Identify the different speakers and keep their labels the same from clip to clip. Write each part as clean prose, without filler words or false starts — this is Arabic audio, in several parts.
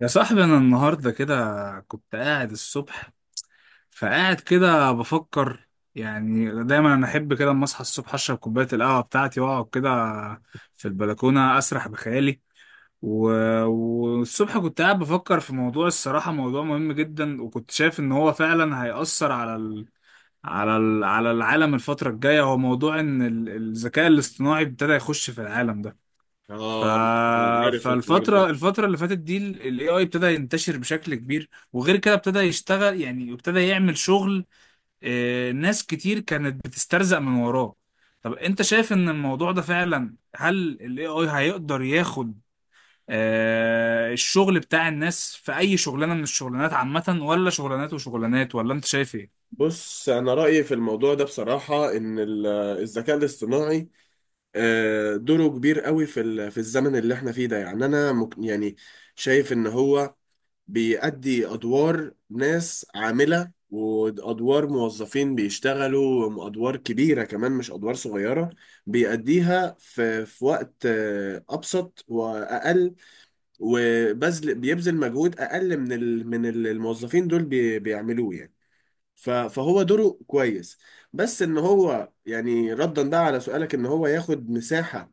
Speaker 1: يا صاحبي انا النهارده كده كنت قاعد الصبح فقاعد كده بفكر. يعني دايما انا احب كده اما اصحى الصبح اشرب كوبايه القهوه بتاعتي واقعد كده في البلكونه اسرح بخيالي. و... والصبح كنت قاعد بفكر في موضوع الصراحه، موضوع مهم جدا، وكنت شايف ان هو فعلا هيأثر على على العالم الفتره الجايه. هو موضوع ان الذكاء الاصطناعي ابتدى يخش في العالم ده. ف...
Speaker 2: اه أنا عارف الحوار
Speaker 1: فالفترة
Speaker 2: ده.
Speaker 1: الفترة اللي فاتت دي ال AI ابتدى ينتشر بشكل كبير، وغير كده ابتدى يشتغل، يعني ابتدى يعمل شغل. آه، ناس كتير كانت بتسترزق من وراه. طب انت شايف ان الموضوع ده فعلا، هل ال AI هيقدر ياخد الشغل بتاع الناس في اي شغلانة من الشغلانات عامة، ولا شغلانات وشغلانات، ولا انت شايف ايه؟
Speaker 2: بص، أنا رأيي في الموضوع ده بصراحة إن الذكاء الاصطناعي دوره كبير قوي في الزمن اللي إحنا فيه ده. يعني أنا شايف إن هو بيأدي أدوار ناس عاملة وأدوار موظفين بيشتغلوا أدوار كبيرة كمان، مش أدوار صغيرة. بيأديها في وقت أبسط وأقل، بيبذل مجهود اقل من الموظفين دول بيعملوه يعني. فهو دوره كويس. بس ان هو، يعني ردا بقى على سؤالك، ان هو ياخد مساحة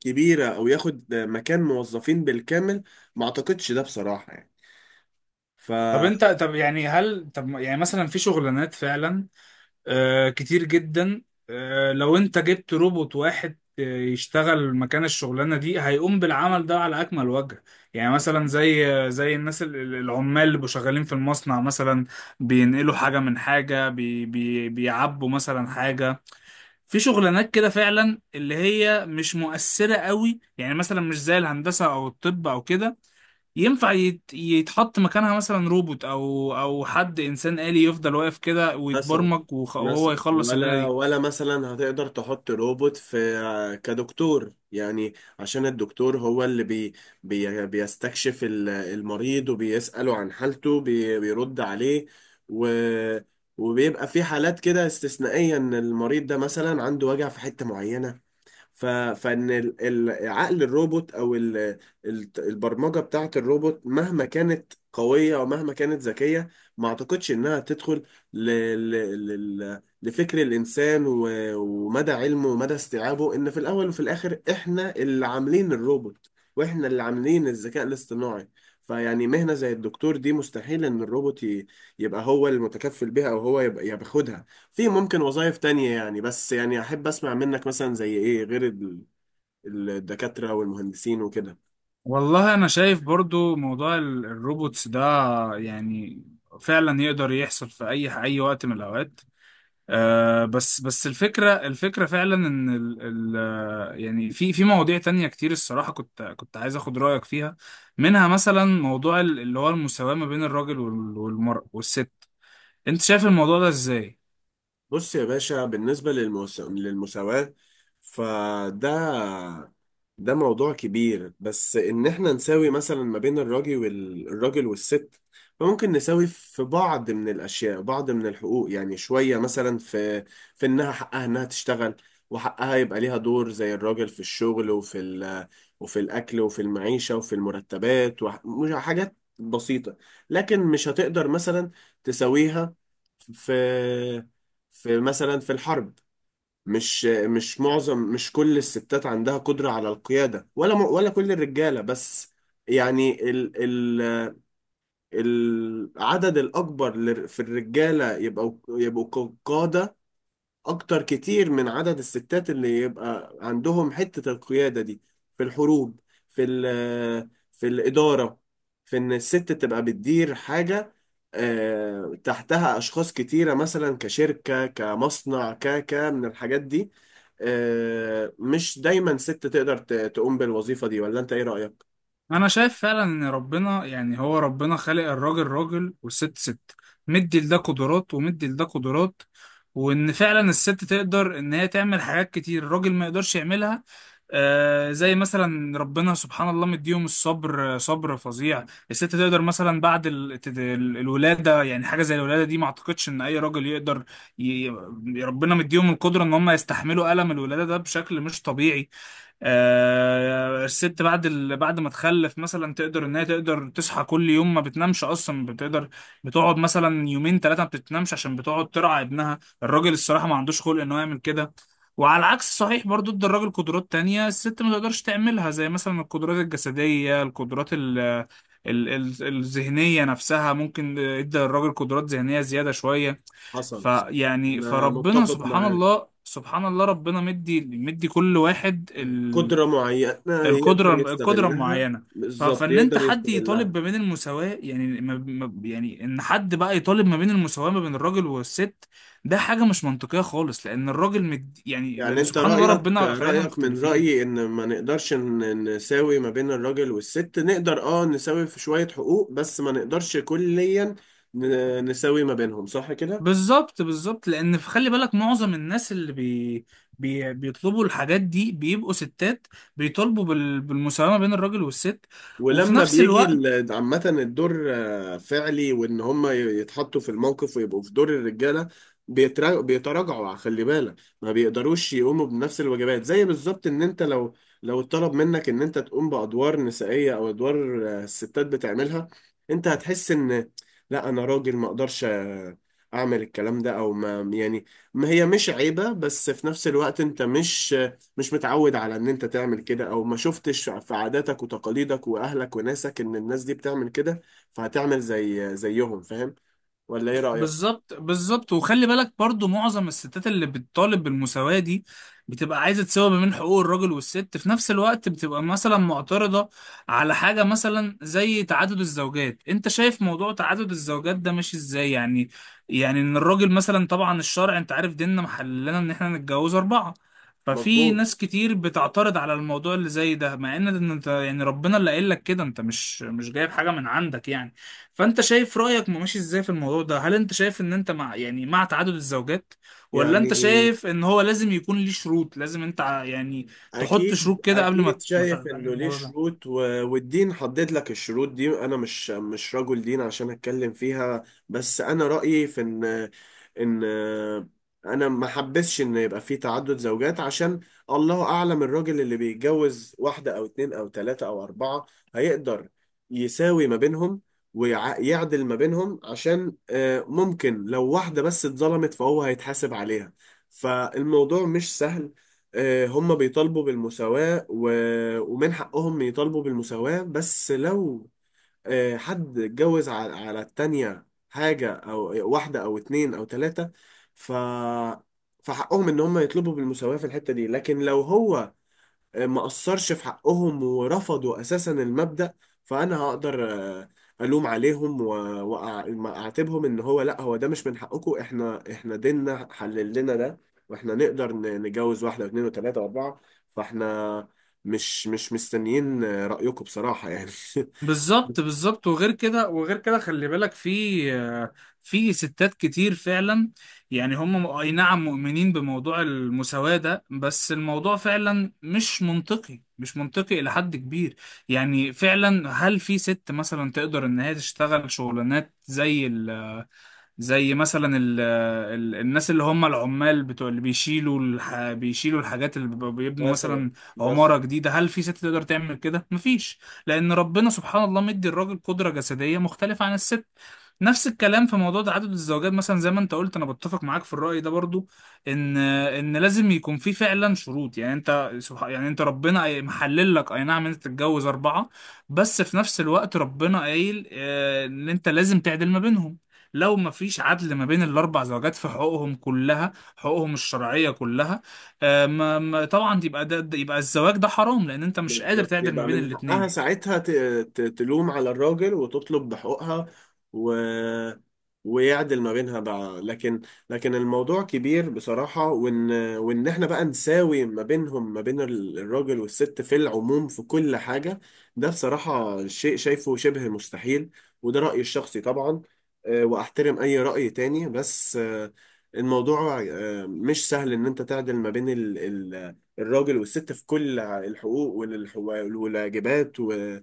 Speaker 2: كبيرة او ياخد مكان موظفين بالكامل، ما اعتقدش ده بصراحة يعني. ف
Speaker 1: طب انت، طب يعني هل، طب يعني مثلا في شغلانات فعلا آه كتير جدا. آه لو انت جبت روبوت واحد يشتغل مكان الشغلانه دي هيقوم بالعمل ده على اكمل وجه. يعني مثلا زي زي الناس العمال اللي بيبقوا شغالين في المصنع مثلا، بينقلوا حاجه من حاجه، بي بي بيعبوا مثلا حاجه. في شغلانات كده فعلا اللي هي مش مؤثره قوي، يعني مثلا مش زي الهندسه او الطب او كده، ينفع يتحط مكانها مثلا روبوت او او حد انسان آلي يفضل واقف كده
Speaker 2: مثلا،
Speaker 1: ويتبرمج، وهو يخلص الليله
Speaker 2: ولا
Speaker 1: دي.
Speaker 2: ولا مثلا هتقدر تحط روبوت في كدكتور؟ يعني عشان الدكتور هو اللي بي بي بيستكشف المريض وبيسأله عن حالته، بيرد عليه. و وبيبقى في حالات كده استثنائية ان المريض ده مثلا عنده وجع في حتة معينة. فان عقل الروبوت او البرمجه بتاعه الروبوت، مهما كانت قويه ومهما كانت ذكيه، ما اعتقدش انها تدخل ل... ل... لفكر الانسان ومدى علمه ومدى استيعابه، ان في الاول وفي الاخر احنا اللي عاملين الروبوت واحنا اللي عاملين الذكاء الاصطناعي. فيعني مهنه زي الدكتور دي مستحيل ان الروبوت يبقى هو المتكفل بها او هو يبقى ياخدها. في ممكن وظائف تانية يعني، بس يعني أحب أسمع منك مثلا زي إيه غير الدكاترة والمهندسين وكده.
Speaker 1: والله انا شايف برضو موضوع الروبوتس ده يعني فعلا يقدر يحصل في اي وقت من الاوقات. آه، بس الفكره فعلا ان ال ال آه، يعني في في مواضيع تانية كتير الصراحه، كنت عايز اخد رايك فيها. منها مثلا موضوع اللي هو المساواه ما بين الراجل والمرأة والست. انت شايف الموضوع ده ازاي؟
Speaker 2: بص يا باشا، بالنسبة للمساواة، فده ده موضوع كبير. بس إن إحنا نساوي مثلا ما بين الراجل الراجل والست، فممكن نساوي في بعض من الأشياء، بعض من الحقوق يعني، شوية مثلا في في إنها حقها إنها تشتغل، وحقها يبقى ليها دور زي الراجل في الشغل وفي الأكل وفي المعيشة وفي المرتبات وحاجات بسيطة. لكن مش هتقدر مثلا تساويها في في مثلا في الحرب. مش مش معظم، مش كل الستات عندها قدرة على القيادة، ولا كل الرجالة بس. يعني ال ال العدد الأكبر في الرجالة يبقوا، قادة اكتر كتير من عدد الستات اللي يبقى عندهم حتة القيادة دي، في الحروب، في في الإدارة، في ان الست تبقى بتدير حاجة تحتها اشخاص كتيرة، مثلا كشركة، كمصنع، ك ك من الحاجات دي. مش دايما ست تقدر تقوم بالوظيفة دي، ولا انت ايه رأيك؟
Speaker 1: انا شايف فعلا ان ربنا، يعني هو ربنا خالق الراجل راجل والست ست، مدي لده قدرات ومدي لده قدرات. وان فعلا الست تقدر ان هي تعمل حاجات كتير الراجل ما يقدرش يعملها. آه زي مثلا ربنا سبحان الله مديهم الصبر، آه، صبر فظيع. الست تقدر مثلا بعد الولادة، يعني حاجة زي الولادة دي ما اعتقدش ان اي راجل يقدر ي... ربنا مديهم القدرة ان هم يستحملوا ألم الولادة ده بشكل مش طبيعي. آه، الست بعد بعد ما تخلف مثلا تقدر ان هي تقدر تصحى كل يوم، ما بتنامش اصلا، بتقدر بتقعد مثلا يومين ثلاثه ما بتنامش عشان بتقعد ترعى ابنها. الراجل الصراحه ما عندوش خلق انه يعمل كده. وعلى العكس صحيح برضو، ادى الراجل قدرات تانية الست ما تقدرش تعملها، زي مثلا القدرات الجسدية، القدرات الذهنية نفسها. ممكن ادى الراجل قدرات ذهنية زيادة شوية.
Speaker 2: حصل.
Speaker 1: فيعني
Speaker 2: انا
Speaker 1: فربنا
Speaker 2: متفق
Speaker 1: سبحان
Speaker 2: معاك.
Speaker 1: الله، سبحان الله ربنا مدي مدي كل واحد
Speaker 2: قدرة معينة يقدر
Speaker 1: القدره
Speaker 2: يستغلها
Speaker 1: معينه.
Speaker 2: بالظبط،
Speaker 1: فان انت،
Speaker 2: يقدر
Speaker 1: حد
Speaker 2: يستغلها.
Speaker 1: يطالب ما بين المساواه، يعني يعني ان حد بقى يطالب ما بين المساواه ما بين الراجل والست، ده حاجه مش منطقيه خالص، لان الراجل مد يعني،
Speaker 2: يعني
Speaker 1: لان
Speaker 2: انت
Speaker 1: سبحان الله
Speaker 2: رأيك،
Speaker 1: ربنا خلقنا
Speaker 2: من
Speaker 1: مختلفين.
Speaker 2: رأيي، ان ما نقدرش نساوي ما بين الراجل والست. نقدر اه نساوي في شوية حقوق، بس ما نقدرش كليا نساوي ما بينهم، صح كده؟
Speaker 1: بالظبط بالظبط، لان خلي بالك معظم الناس اللي بي بي بيطلبوا الحاجات دي بيبقوا ستات، بيطالبوا بالمساواه ما بين الراجل والست. وفي
Speaker 2: ولما
Speaker 1: نفس
Speaker 2: بيجي
Speaker 1: الوقت
Speaker 2: عامة الدور فعلي، وإن هم يتحطوا في الموقف ويبقوا في دور الرجالة، بيتراجعوا. خلي بالك، ما بيقدروش يقوموا بنفس الواجبات. زي بالظبط إن أنت لو اتطلب منك إن أنت تقوم بأدوار نسائية، أو أدوار الستات بتعملها، أنت هتحس إن لا، أنا راجل ما أقدرش أعمل الكلام ده، أو ما يعني، ما هي مش عيبة، بس في نفس الوقت أنت مش مش متعود على ان انت تعمل كده، او ما شفتش في عاداتك وتقاليدك واهلك وناسك ان الناس دي بتعمل كده، فهتعمل زي زيهم. فاهم ولا ايه رأيك؟
Speaker 1: بالظبط بالظبط، وخلي بالك برضو معظم الستات اللي بتطالب بالمساواة دي بتبقى عايزة تساوي ما بين حقوق الراجل والست، في نفس الوقت بتبقى مثلا معترضة على حاجة مثلا زي تعدد الزوجات. انت شايف موضوع تعدد الزوجات ده ماشي ازاي يعني؟ يعني ان الراجل مثلا، طبعا الشرع انت عارف ديننا محللنا ان احنا نتجوز 4. ففي
Speaker 2: مظبوط.
Speaker 1: ناس كتير بتعترض على الموضوع اللي زي ده، مع ان انت يعني ربنا اللي قايل لك كده، انت مش جايب حاجة من عندك يعني. فانت شايف رأيك ماشي ازاي في الموضوع ده؟ هل انت شايف ان انت مع، يعني مع تعدد الزوجات؟ ولا انت
Speaker 2: يعني
Speaker 1: شايف ان هو لازم يكون ليه شروط، لازم انت يعني تحط
Speaker 2: اكيد،
Speaker 1: شروط كده قبل ما
Speaker 2: اكيد
Speaker 1: ما
Speaker 2: شايف
Speaker 1: تعمل
Speaker 2: انه ليه
Speaker 1: الموضوع ده.
Speaker 2: شروط والدين حدد لك الشروط دي. انا مش، مش رجل دين عشان اتكلم فيها، بس انا رايي في ان انا ما حبسش ان يبقى في تعدد زوجات، عشان الله اعلم الراجل اللي بيتجوز واحده او اتنين او تلاته او اربعه هيقدر يساوي ما بينهم ويعدل ما بينهم، عشان ممكن لو واحده بس اتظلمت فهو هيتحاسب عليها. فالموضوع مش سهل. هم بيطالبوا بالمساواة، ومن حقهم يطالبوا بالمساواة، بس لو حد اتجوز على، على التانية حاجة، أو واحدة أو اتنين أو تلاتة، ف... فحقهم إن هم يطلبوا بالمساواة في الحتة دي. لكن لو هو ما أثرش في حقهم ورفضوا أساسا المبدأ، فأنا هقدر آه، ألوم عليهم وأعاتبهم، إن هو لأ، هو ده مش من حقكم، إحنا ديننا حلل لنا ده، وإحنا نقدر نتجوز واحدة واثنين وثلاثة وأربعة. فإحنا مش مش مستنيين رأيكم بصراحة يعني.
Speaker 1: بالظبط بالظبط، وغير كده وغير كده، خلي بالك في في ستات كتير فعلا يعني هم اي نعم مؤمنين بموضوع المساواة ده، بس الموضوع فعلا مش منطقي، مش منطقي إلى حد كبير. يعني فعلا هل في ست مثلا تقدر إن هي تشتغل شغلانات زي زي مثلا ال ال الناس اللي هم العمال بتوع اللي بيشيلوا الح بيشيلوا الحاجات، اللي بيبقوا بيبنوا
Speaker 2: مثلا،
Speaker 1: مثلا
Speaker 2: مثلا،
Speaker 1: عمارة جديدة؟ هل في ست تقدر تعمل كده؟ مفيش. لأن ربنا سبحان الله مدي الراجل قدرة جسدية مختلفة عن الست. نفس الكلام في موضوع تعدد الزوجات، مثلا زي ما انت قلت انا بتفق معاك في الرأي ده برضو، ان ان لازم يكون في فعلا شروط. يعني انت سبحان، يعني انت ربنا محلل لك اي نعم انت تتجوز 4، بس في نفس الوقت ربنا قايل، آه، ان انت لازم تعدل ما بينهم. لو ما فيش عدل ما بين ال4 زوجات في حقوقهم كلها، حقوقهم الشرعيه كلها، آه، طبعا يبقى يبقى الزواج ده حرام، لان انت مش قادر
Speaker 2: بالظبط.
Speaker 1: تعدل ما
Speaker 2: يبقى
Speaker 1: بين
Speaker 2: من حقها
Speaker 1: الاتنين.
Speaker 2: ساعتها تلوم على الراجل وتطلب بحقوقها، و... ويعدل ما بينها بقى. لكن، لكن الموضوع كبير بصراحة. وإن إحنا بقى نساوي ما بينهم، ما بين الراجل والست، في العموم، في كل حاجة، ده بصراحة شيء شايفه شبه مستحيل، وده رأيي الشخصي طبعا. وأحترم أي رأي تاني، بس الموضوع مش سهل إن أنت تعدل ما بين الراجل والست في كل الحقوق والواجبات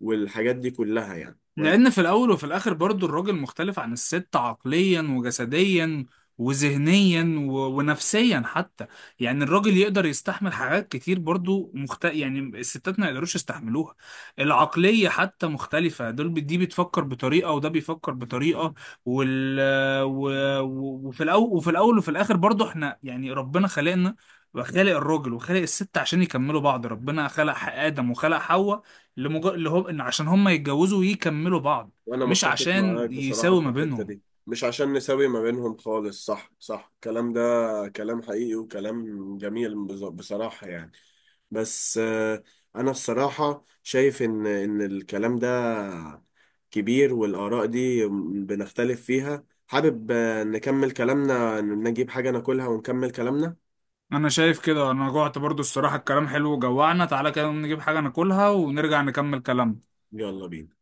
Speaker 2: والحاجات دي كلها يعني، ولا؟
Speaker 1: لأن في الأول وفي الآخر برضو الراجل مختلف عن الست عقليا وجسديا وذهنيا ونفسيا حتى. يعني الراجل يقدر يستحمل حاجات كتير برضو يعني الستات ما يقدروش يستحملوها. العقلية حتى مختلفة، دي بتفكر بطريقة وده بيفكر بطريقة. وال... و... وفي الأول وفي الآخر برضو احنا يعني ربنا خلقنا، وخلق الراجل وخلق الست عشان يكملوا بعض. ربنا خلق آدم وخلق حواء اللي هم ان عشان هم يتجوزوا ويكملوا بعض،
Speaker 2: وانا
Speaker 1: مش
Speaker 2: متفق
Speaker 1: عشان
Speaker 2: معاك بصراحة
Speaker 1: يساوي
Speaker 2: في
Speaker 1: ما
Speaker 2: الحتة
Speaker 1: بينهم.
Speaker 2: دي. مش عشان نساوي ما بينهم خالص. صح، صح الكلام ده، كلام حقيقي وكلام جميل بصراحة يعني. بس انا الصراحة شايف ان، ان الكلام ده كبير والاراء دي بنختلف فيها. حابب نكمل كلامنا، نجيب حاجة ناكلها ونكمل كلامنا.
Speaker 1: انا شايف كده، انا جوعت برضو الصراحة. الكلام حلو وجوعنا، تعالى كده نجيب حاجة ناكلها ونرجع نكمل كلامنا.
Speaker 2: يلا بينا.